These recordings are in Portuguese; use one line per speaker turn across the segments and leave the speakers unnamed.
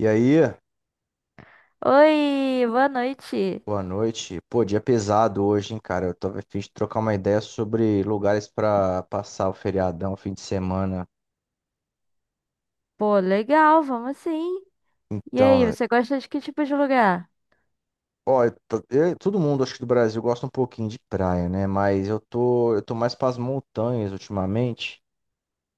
E aí,
Oi, boa noite.
boa noite. Pô, dia pesado hoje, hein, cara? Eu tô a fim de trocar uma ideia sobre lugares pra passar o feriadão, fim de semana.
Pô, legal, vamos sim. E aí,
Então,
você gosta de que tipo de lugar?
ó, todo mundo, acho que do Brasil, gosta um pouquinho de praia, né? Mas eu tô mais pras montanhas ultimamente.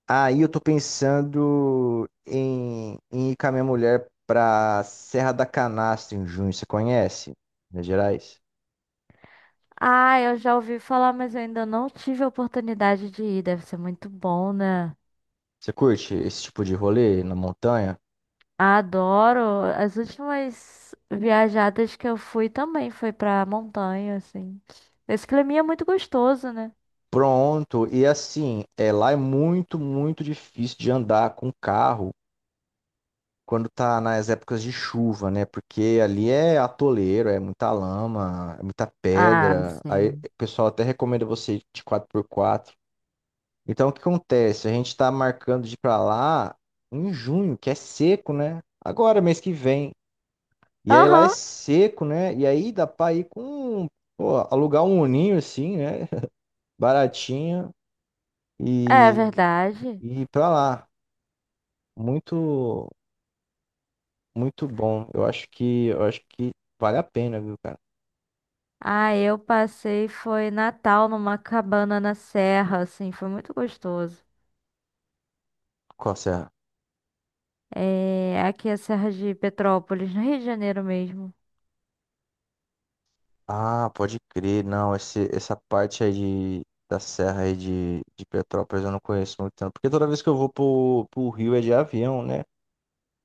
Aí eu tô pensando em ir com a minha mulher pra Serra da Canastra em junho. Você conhece? Minas Gerais?
Ah, eu já ouvi falar, mas eu ainda não tive a oportunidade de ir. Deve ser muito bom, né?
Você curte esse tipo de rolê na montanha?
Adoro. As últimas viajadas que eu fui também foi pra montanha, assim. Esse climinha é muito gostoso, né?
Pronto, e assim, é, lá é muito, muito difícil de andar com carro quando tá nas épocas de chuva, né? Porque ali é atoleiro, é muita lama, é muita
Ah,
pedra. Aí o
sim.
pessoal até recomenda você ir de quatro por quatro. Então o que acontece? A gente tá marcando de ir pra lá em junho, que é seco, né? Agora, mês que vem. E aí lá é
Aham,
seco, né? E aí dá pra ir com, pô, alugar um uninho assim, né? Baratinho
é
e,
verdade.
e ir pra lá. Muito, muito bom. Eu acho que vale a pena, viu, cara?
Ah, eu passei, foi Natal numa cabana na serra, assim, foi muito gostoso.
Qual serra?
É, aqui é a Serra de Petrópolis, no Rio de Janeiro mesmo.
Ah, pode crer. Não, esse, essa parte aí de, da serra aí de Petrópolis eu não conheço muito tanto. Porque toda vez que eu vou pro Rio é de avião, né?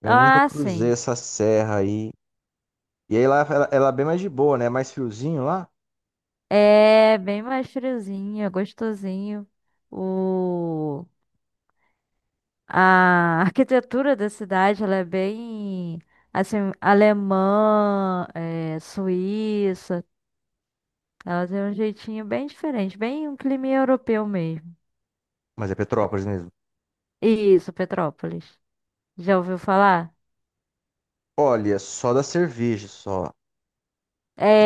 Eu nunca
Ah,
cruzei
sim.
essa serra aí. E aí lá ela é bem mais de boa, né? É mais friozinho lá.
É bem mais friozinho, é gostosinho. O... A arquitetura da cidade, ela é bem, assim, alemã, é, suíça. Ela tem um jeitinho bem diferente, bem um clima europeu mesmo.
Mas é Petrópolis mesmo.
Isso, Petrópolis. Já ouviu falar?
Olha, só da cerveja, só.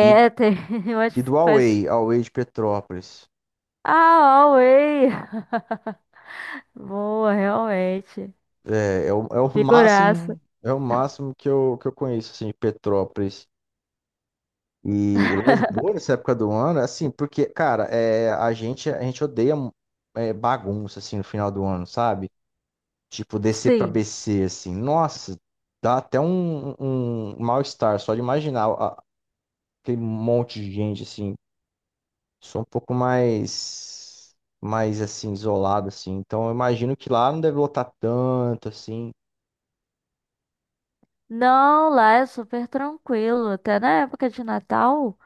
E,
é, tem umas...
e do
umas-
Away, Away de Petrópolis.
Ah, Huawei! Boa, realmente.
É, é o
Figuraça.
máximo, é o máximo que eu conheço, assim, de Petrópolis. E lá de boa, nessa época do ano, é assim, porque, cara, é, a gente odeia bagunça, assim, no final do ano, sabe? Tipo, descer pra
Sim.
BC, assim, nossa, dá até um, um mal-estar só de imaginar aquele monte de gente, assim. Sou um pouco mais, mais, assim, isolado, assim. Então, eu imagino que lá não deve lotar tanto, assim.
Não, lá é super tranquilo. Até na época de Natal,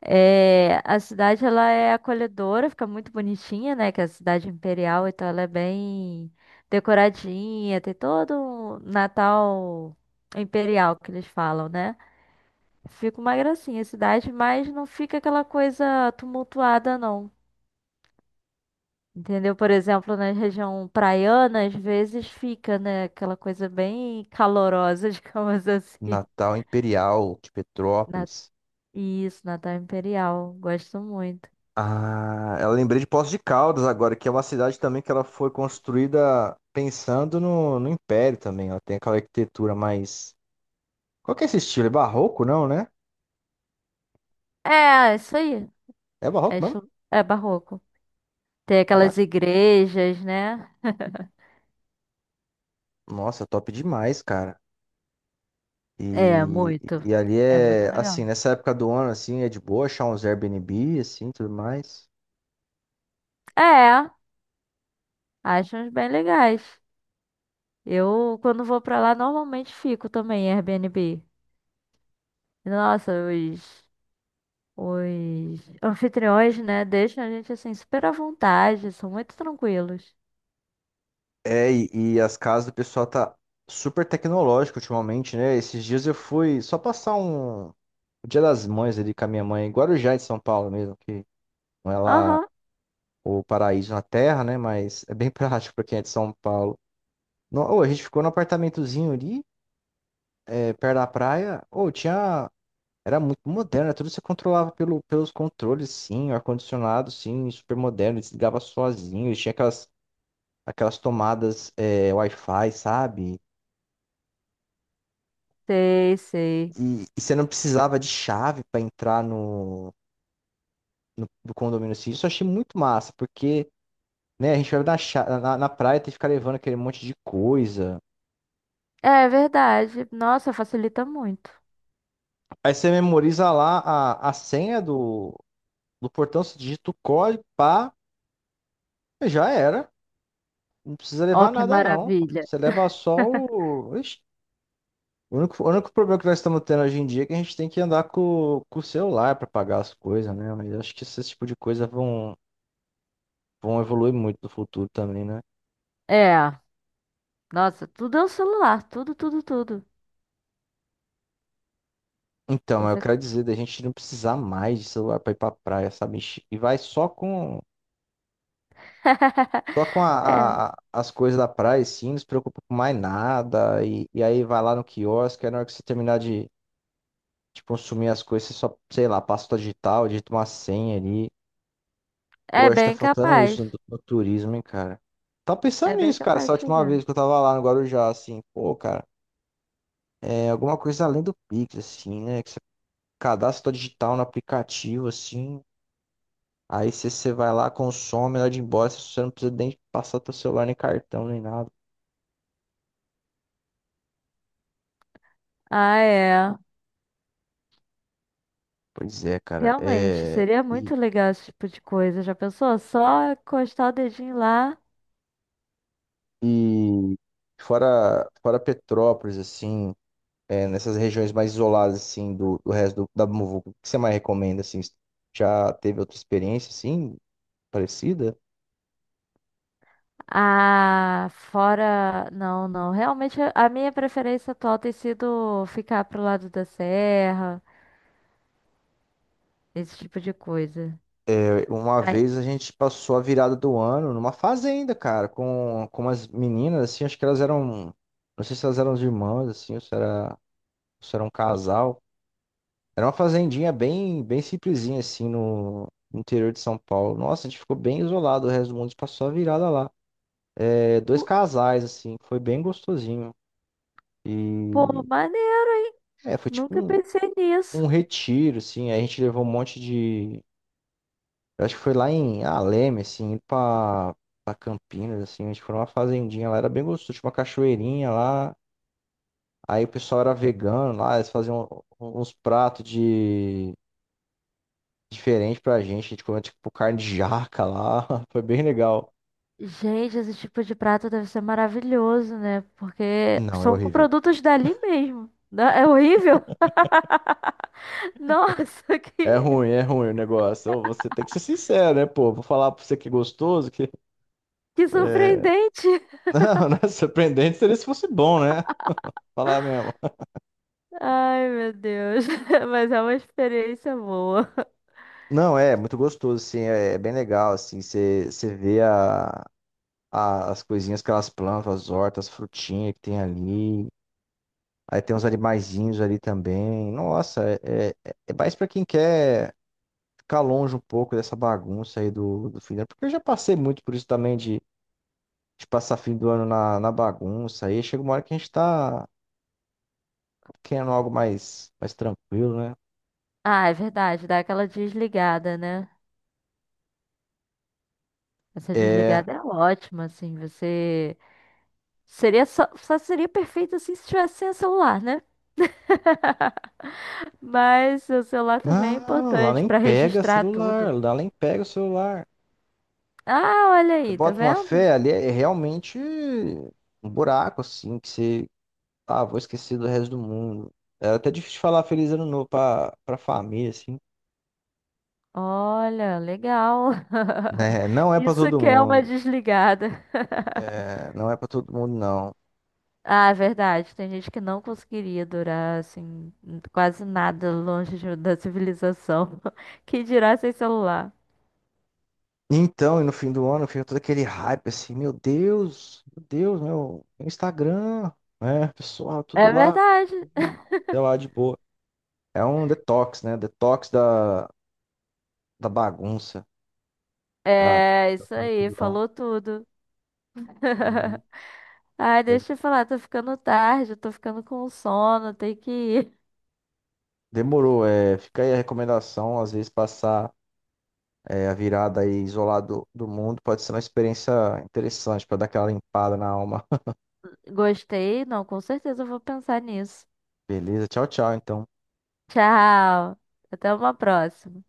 é, a cidade ela é acolhedora, fica muito bonitinha, né? Que é a cidade imperial, então ela é bem decoradinha, tem todo um Natal imperial que eles falam, né? Fica uma gracinha a cidade, mas não fica aquela coisa tumultuada, não. Entendeu? Por exemplo, na região praiana, às vezes fica, né, aquela coisa bem calorosa, digamos assim.
Natal Imperial de
Na-
Petrópolis.
Isso, Natal Imperial. Gosto muito.
Ah, eu lembrei de Poços de Caldas agora, que é uma cidade também que ela foi construída pensando no Império também. Ela tem aquela arquitetura mais. Qual que é esse estilo? É barroco, não, né?
É, isso aí.
É
É,
barroco mesmo?
estilo- é barroco. Tem aquelas
Caraca.
igrejas, né?
Nossa, top demais, cara.
É,
E,
muito.
e ali
É muito
é, assim,
legal.
nessa época do ano, assim, é de boa achar uns Airbnb, assim, tudo mais.
É, acho uns bem legais. Eu, quando vou pra lá, normalmente fico também em Airbnb. Nossa, os anfitriões, né? Deixam a gente assim super à vontade, são muito tranquilos.
É, e as casas do pessoal tá super tecnológico ultimamente, né? Esses dias eu fui só passar um o Dia das Mães ali com a minha mãe, em Guarujá é de São Paulo mesmo, que não é lá
Aham,
o paraíso na terra, né? Mas é bem prático pra quem é de São Paulo. No, ô, a gente ficou no apartamentozinho ali, é, perto da praia. Ou tinha. Era muito moderno, né, tudo você controlava pelo, pelos controles, sim, o ar-condicionado, sim, super moderno, desligava sozinho, e tinha aquelas, aquelas tomadas é, Wi-Fi, sabe?
sei, sei.
E você não precisava de chave para entrar no condomínio, assim. Isso eu achei muito massa, porque. Né? A gente vai na, na praia, tem que ficar levando aquele monte de coisa.
É verdade. Nossa, facilita muito.
Aí você memoriza lá a senha do portão, você digita o código, pá, já era. Não precisa levar
Ó, que
nada, não.
maravilha.
Você leva só o. Ixi, o único problema que nós estamos tendo hoje em dia é que a gente tem que andar com o celular para pagar as coisas, né? Mas eu acho que esse tipo de coisa vão, vão evoluir muito no futuro também, né?
É, nossa, tudo é o celular, tudo, tudo, tudo.
Então, eu
Você-
quero dizer da gente não precisar mais de celular para ir para praia, sabe? E vai só com. Só com
É,
as coisas da praia, sim, não se preocupa com mais nada. E aí vai lá no quiosque, aí na hora que você terminar de consumir as coisas, você só, sei lá, passa o digital, digita uma senha ali. Pô,
é
acho que tá
bem
faltando
capaz.
isso no turismo, hein, cara. Tava
É
pensando
bem
nisso, cara,
capaz
essa
de
última
chegar.
vez que eu tava lá no Guarujá, assim, pô, cara, é alguma coisa além do Pix, assim, né? Que você cadastra sua digital no aplicativo, assim. Aí você vai lá, consome, na hora de ir embora, você não precisa nem passar teu celular, nem cartão, nem nada.
Ah, é.
Pois é, cara.
Realmente,
É,
seria
e,
muito legal esse tipo de coisa. Já pensou? Só encostar o dedinho lá.
e fora, fora Petrópolis, assim, é, nessas regiões mais isoladas, assim, do da Muvuca, o que você mais recomenda, assim? Já teve outra experiência, assim, parecida?
Ah, fora. Não, não. Realmente, a minha preferência atual tem sido ficar pro lado da serra, esse tipo de coisa.
É, uma
Ai,
vez a gente passou a virada do ano numa fazenda, cara, com umas meninas, assim, acho que elas eram, não sei se elas eram as irmãs, assim, ou se era um casal. Era uma fazendinha bem, bem simplesinha, assim, no no interior de São Paulo. Nossa, a gente ficou bem isolado, o resto do mundo passou a virada lá. É, dois
pô,
casais, assim, foi bem gostosinho.
pô,
E
maneiro, hein?
é, foi tipo
Nunca
um,
pensei
um
nisso.
retiro, assim. Aí a gente levou um monte de. Eu acho que foi lá em Aleme, assim, indo pra, pra Campinas, assim. A gente foi numa fazendinha lá, era bem gostoso, tinha uma cachoeirinha lá. Aí o pessoal era vegano lá, eles faziam um, uns pratos de diferente pra gente. A gente comeu tipo carne de jaca lá. Foi bem legal.
Gente, esse tipo de prato deve ser maravilhoso, né? Porque
Não, é
são com
horrível.
produtos dali mesmo. Não- É horrível? Nossa,
É ruim o negócio. Ô, você tem que ser sincero, né, pô? Vou falar pra você que é gostoso, que é...
que surpreendente!
Não, não é surpreendente seria se fosse bom, né? Falar mesmo.
Ai, meu Deus. Mas é uma experiência boa.
Não, é muito gostoso, assim, é, é bem legal, assim, você vê a, as coisinhas que elas plantam, as hortas, as frutinhas que tem ali. Aí tem uns animaizinhos ali também. Nossa, é mais pra quem quer ficar longe um pouco dessa bagunça aí do fim do ano. Porque eu já passei muito por isso também de passar fim do ano na bagunça. Aí chega uma hora que a gente tá querendo algo mais, mais tranquilo, né?
Ah, é verdade, dá aquela desligada, né? Essa
É.
desligada é ótima, assim, você... Seria só seria perfeito, assim, se tivesse sem o celular, né? Mas o celular também é
Ah, lá
importante
nem
pra
pega
registrar tudo.
celular, lá nem pega o celular.
Ah, olha
Você
aí, tá
bota uma
vendo?
fé ali, é realmente um buraco, assim, que você. Ah, vou esquecer do resto do mundo. É até difícil falar feliz ano novo pra, pra família, assim.
Olha, legal.
Né? Não é pra
Isso
todo
que é uma
mundo.
desligada.
É, não é pra todo mundo, não.
Ah, é verdade. Tem gente que não conseguiria durar assim quase nada longe de- da civilização. Que dirá sem celular?
Então, e no fim do ano fica todo aquele hype assim, meu Deus, meu Deus, meu Instagram, né? Pessoal, tudo
É
lá,
verdade.
hum, sei lá, de boa. É um detox, né? Detox da bagunça. Ah,
É,
tá
isso aí,
tranquilão.
falou tudo.
Uhum.
Ai,
É.
deixa eu falar, tô ficando tarde, tô ficando com sono, tem que ir.
Demorou, é, fica aí a recomendação, às vezes passar é, a virada aí isolado do mundo pode ser uma experiência interessante para dar aquela limpada na alma.
Gostei? Não, com certeza eu vou pensar nisso.
Beleza, tchau, tchau, então.
Tchau. Até uma próxima.